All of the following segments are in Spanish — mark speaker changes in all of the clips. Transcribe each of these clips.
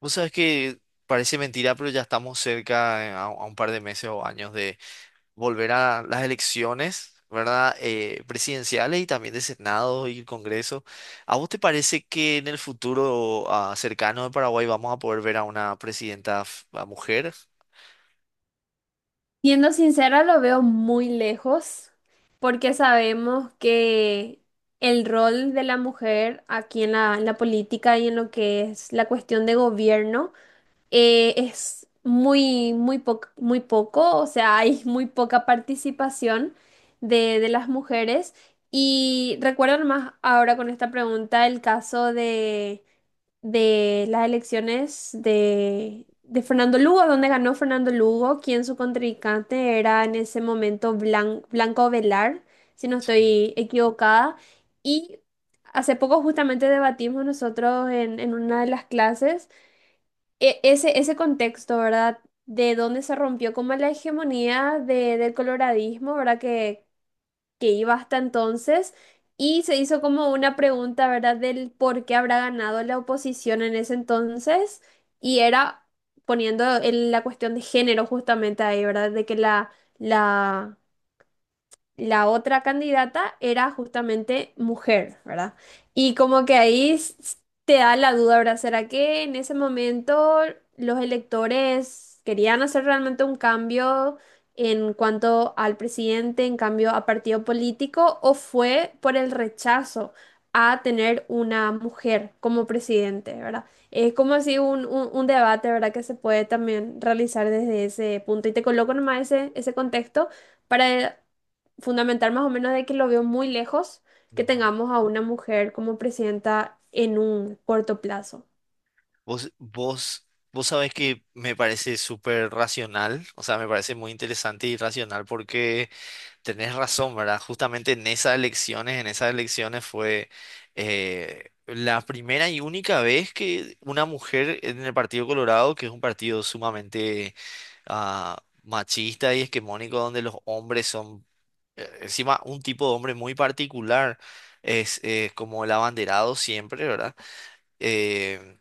Speaker 1: Vos sabés que parece mentira, pero ya estamos cerca a un par de meses o años de volver a las elecciones, ¿verdad? Presidenciales y también de Senado y Congreso. ¿A vos te parece que en el futuro cercano de Paraguay vamos a poder ver a una presidenta f- a mujer?
Speaker 2: Siendo sincera, lo veo muy lejos porque sabemos que el rol de la mujer aquí en la política y en lo que es la cuestión de gobierno es muy, muy poco, o sea, hay muy poca participación de las mujeres. Y recuerdo más ahora con esta pregunta el caso de las elecciones de Fernando Lugo, donde ganó Fernando Lugo, quien su contrincante era en ese momento Blanco Velar, si no estoy equivocada. Y hace poco justamente debatimos nosotros en una de las clases ese contexto, ¿verdad? De dónde se rompió como la hegemonía del coloradismo, ¿verdad?, que iba hasta entonces y se hizo como una pregunta, ¿verdad?, del por qué habrá ganado la oposición en ese entonces y era poniendo la cuestión de género justamente ahí, ¿verdad?, de que la la otra candidata era justamente mujer, ¿verdad? Y como que te da la duda, ¿verdad? ¿Será que en ese momento los electores querían hacer realmente un cambio en cuanto al presidente, en cambio a partido político, o fue por el rechazo a tener una mujer como presidente, ¿verdad? Es como así un debate, ¿verdad?, que se puede también realizar desde ese punto. Y te coloco nomás ese contexto para fundamental más o menos de que lo veo muy lejos que
Speaker 1: Ujú.
Speaker 2: tengamos a una mujer como presidenta en un corto plazo.
Speaker 1: Vos sabés que me parece súper racional, o sea, me parece muy interesante y racional porque tenés razón, ¿verdad? Justamente en esas elecciones fue la primera y única vez que una mujer en el Partido Colorado, que es un partido sumamente machista y esquemónico, donde los hombres son, encima, un tipo de hombre muy particular, es como el abanderado siempre, ¿verdad? eh,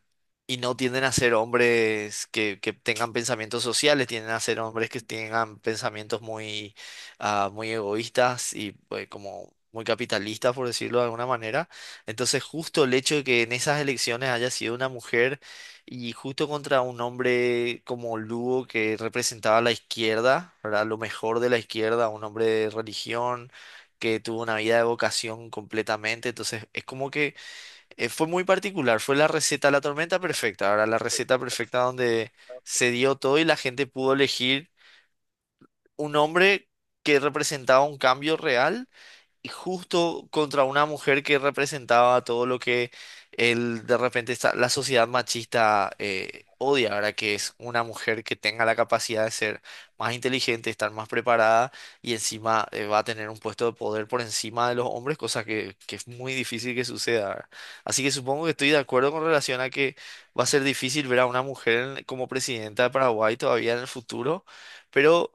Speaker 1: y no tienden a ser hombres que tengan pensamientos sociales, tienden a ser hombres que tengan pensamientos muy, muy egoístas y pues, como muy capitalistas, por decirlo de alguna manera. Entonces, justo el hecho de que en esas elecciones haya sido una mujer y justo contra un hombre como Lugo que representaba a la izquierda, ¿verdad? Lo mejor de la izquierda, un hombre de religión que tuvo una vida de vocación completamente. Entonces es como que fue muy particular, fue la receta de la tormenta perfecta. Ahora, la receta perfecta donde se dio todo y la gente pudo elegir un hombre que representaba un cambio real y justo contra una mujer que representaba todo lo que el, de repente esta- la sociedad machista odia. Ahora, que es una mujer que tenga la capacidad de ser más inteligente, estar más preparada y encima va a tener un puesto de poder por encima de los hombres, cosa que es muy difícil que suceda, ¿verdad? Así que supongo que estoy de acuerdo con relación a que va a ser difícil ver a una mujer como presidenta de Paraguay todavía en el futuro, pero...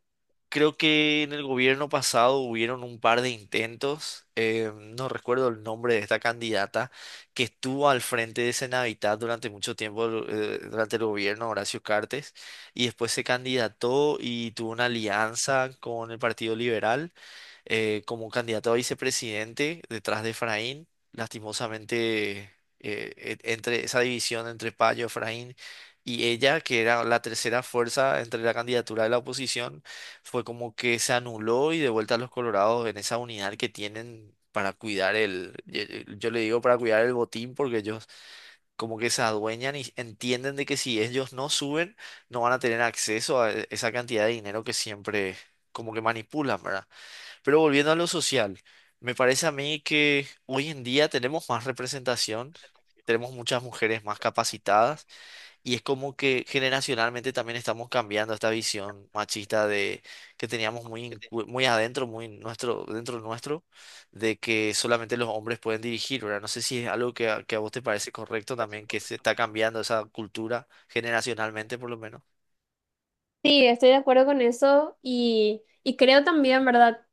Speaker 1: Creo que en el gobierno pasado hubieron un par de intentos, no recuerdo el nombre de esta candidata, que estuvo al frente de Senavitat durante mucho tiempo, durante el gobierno de Horacio Cartes, y después se candidató y tuvo una alianza con el Partido Liberal como candidato a vicepresidente detrás de Efraín. Lastimosamente, entre esa división entre Payo, Efraín y ella, que era la tercera fuerza entre la candidatura de la oposición, fue como que se anuló y de vuelta a los colorados en esa unidad que tienen, para cuidar el... Yo le digo para cuidar el botín porque ellos como que se adueñan y entienden de que si ellos no suben, no van a tener acceso a esa cantidad de dinero que siempre como que manipulan, ¿verdad? Pero volviendo a lo social, me parece a mí que hoy en día tenemos más representación, tenemos muchas mujeres más capacitadas y es como que generacionalmente también estamos cambiando esta visión machista de que teníamos muy, muy adentro, muy nuestro, dentro nuestro, de que solamente los hombres pueden dirigir, ¿verdad? No sé si es algo que que a vos te parece correcto también, que se está cambiando esa cultura generacionalmente por lo menos.
Speaker 2: Sí, estoy de acuerdo con eso y creo también, ¿verdad?,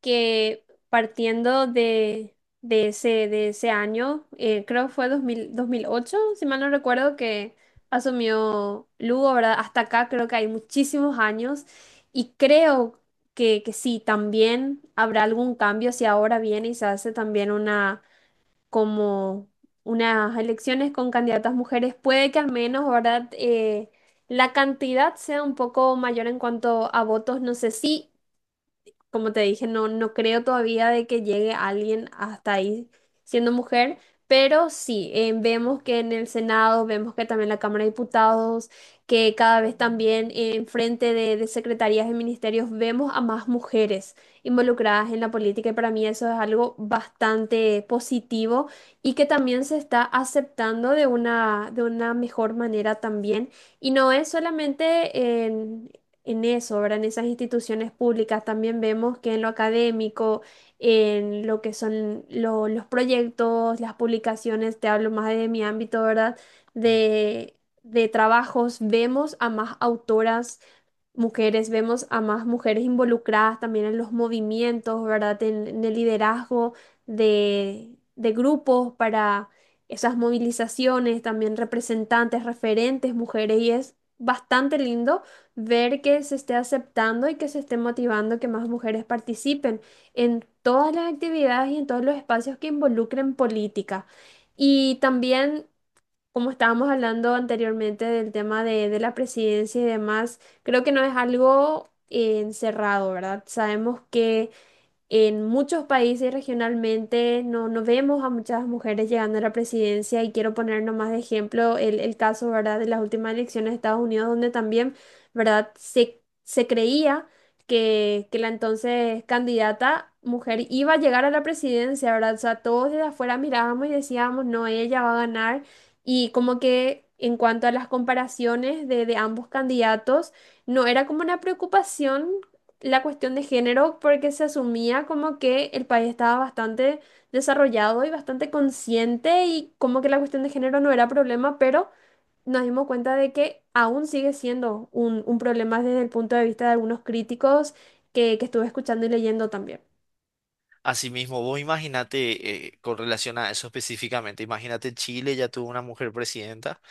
Speaker 2: que partiendo de ese año, creo que fue 2000, 2008, si mal no recuerdo, que asumió Lugo, ¿verdad? Hasta acá creo que hay muchísimos años y creo que sí, también habrá algún cambio si ahora viene y se hace también una como unas elecciones con candidatas mujeres, puede que al menos, ¿verdad? La cantidad sea un poco mayor en cuanto a votos. No sé si, como te dije, no, no creo todavía de que llegue alguien hasta ahí siendo mujer, pero sí, vemos que en el Senado, vemos que también la Cámara de Diputados, que cada vez también en frente de secretarías y ministerios vemos a más mujeres involucradas en la política, y para mí eso es algo bastante positivo y que también se está aceptando de de una mejor manera también. Y no es solamente en eso, ¿verdad? En esas instituciones públicas también vemos que en lo académico, en lo que son los proyectos, las publicaciones, te hablo más de mi ámbito, ¿verdad?
Speaker 1: Mm.
Speaker 2: De, de trabajos, vemos a más autoras mujeres, vemos a más mujeres involucradas también en los movimientos, ¿verdad? En el liderazgo de grupos para esas movilizaciones, también representantes, referentes, mujeres, y es bastante lindo ver que se esté aceptando y que se esté motivando que más mujeres participen en todas las actividades y en todos los espacios que involucren política. Y también, como estábamos hablando anteriormente del tema de la presidencia y demás, creo que no es algo encerrado, ¿verdad? Sabemos que en muchos países regionalmente no, no vemos a muchas mujeres llegando a la presidencia, y quiero poner nomás de ejemplo el caso, ¿verdad?, de las últimas elecciones de Estados Unidos, donde también, ¿verdad?, se creía que la entonces candidata mujer iba a llegar a la presidencia, ¿verdad? O sea, todos desde afuera mirábamos y decíamos, no, ella va a ganar. Y como que en cuanto a las comparaciones de ambos candidatos, no era como una preocupación la cuestión de género porque se asumía como que el país estaba bastante desarrollado y bastante consciente, y como que la cuestión de género no era problema, pero nos dimos cuenta de que aún sigue siendo un problema desde el punto de vista de algunos críticos que estuve escuchando y leyendo también.
Speaker 1: Asimismo, vos imagínate, con relación a eso específicamente, imagínate, Chile ya tuvo una mujer presidenta,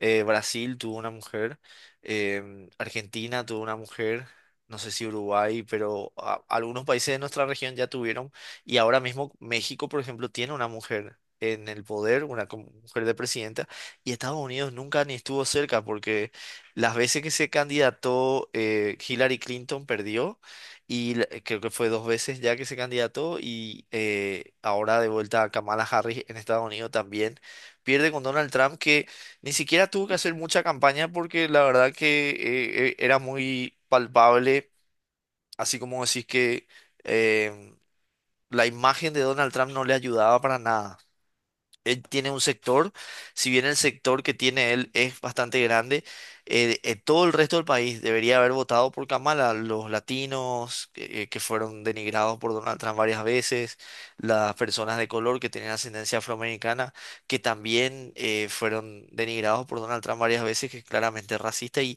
Speaker 1: Brasil tuvo una mujer, Argentina tuvo una mujer, no sé si Uruguay, pero algunos países de nuestra región ya tuvieron, y ahora mismo México, por ejemplo, tiene una mujer en el poder, una como mujer de presidenta, y Estados Unidos nunca ni estuvo cerca porque las veces que se candidató, Hillary Clinton perdió, y creo que fue dos veces ya que se candidató, y ahora de vuelta a Kamala Harris en Estados Unidos también pierde con Donald Trump, que ni siquiera tuvo que hacer mucha campaña porque la verdad que era muy palpable, así como decís, que em, la imagen de Donald Trump no le ayudaba para nada. Él tiene un sector, si bien el sector que tiene él es bastante grande, todo el resto del país debería haber votado por Kamala, los latinos que fueron denigrados por Donald Trump varias veces, las personas de color que tienen ascendencia afroamericana, que también fueron denigrados por Donald Trump varias veces, que es claramente racista. Y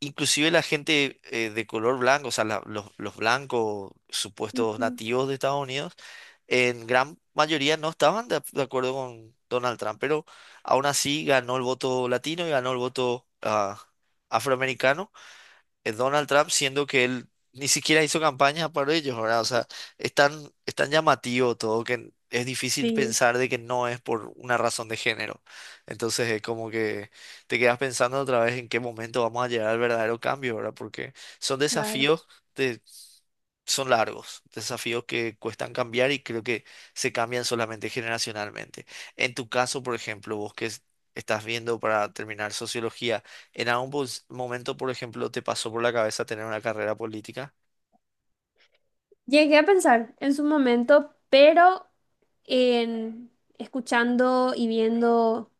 Speaker 1: inclusive la gente de color blanco, o sea, los blancos supuestos
Speaker 2: Ujú.
Speaker 1: nativos de Estados Unidos, en gran mayoría no estaban de acuerdo con Donald Trump, pero aún así ganó el voto latino y ganó el voto afroamericano Donald Trump, siendo que él ni siquiera hizo campaña para ellos, ¿verdad? O sea, es tan llamativo todo que es difícil
Speaker 2: Sí,
Speaker 1: pensar de que no es por una razón de género. Entonces es como que te quedas pensando otra vez en qué momento vamos a llegar al verdadero cambio, ¿verdad? Porque son
Speaker 2: claro.
Speaker 1: desafíos de, son largos, desafíos que cuestan cambiar y creo que se cambian solamente generacionalmente. En tu caso, por ejemplo, vos que estás viendo para terminar sociología, ¿en algún momento, por ejemplo, te pasó por la cabeza tener una carrera política?
Speaker 2: Llegué a pensar en su momento, pero en escuchando y viendo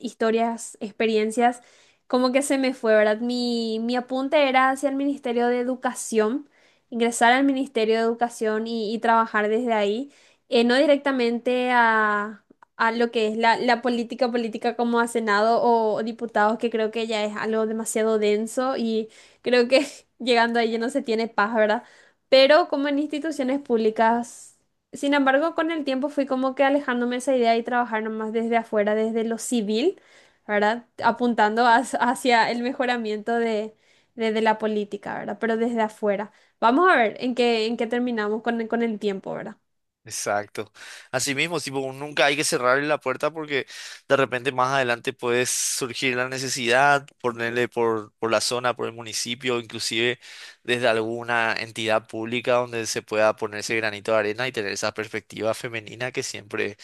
Speaker 2: historias, experiencias, como que se me fue, ¿verdad? Mi apunte era hacia el Ministerio de Educación, ingresar al Ministerio de Educación y trabajar desde ahí, no directamente a lo que es la política política, como a Senado o diputados, que creo que ya es algo demasiado denso, y creo que llegando ahí ya no se tiene paz, ¿verdad? Pero como en instituciones públicas. Sin embargo, con el tiempo fui como que alejándome de esa idea y trabajar nomás desde afuera, desde lo civil, ¿verdad?, apuntando hacia hacia el mejoramiento de, de la política, ¿verdad? Pero desde afuera. Vamos a ver en qué terminamos con el tiempo, ¿verdad?
Speaker 1: Exacto. Así mismo, tipo, nunca hay que cerrarle la puerta porque de repente más adelante puede surgir la necesidad, ponerle por la zona, por el municipio, inclusive desde alguna entidad pública donde se pueda ponerse granito de arena y tener esa perspectiva femenina que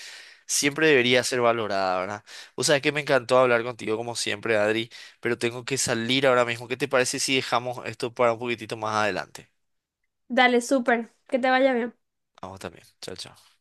Speaker 1: siempre debería ser valorada, ¿verdad? O sea, es que me encantó hablar contigo como siempre, Adri, pero tengo que salir ahora mismo. ¿Qué te parece si dejamos esto para un poquitito más adelante?
Speaker 2: Dale, súper, que te vaya bien.
Speaker 1: Vamos también. Chao, chao.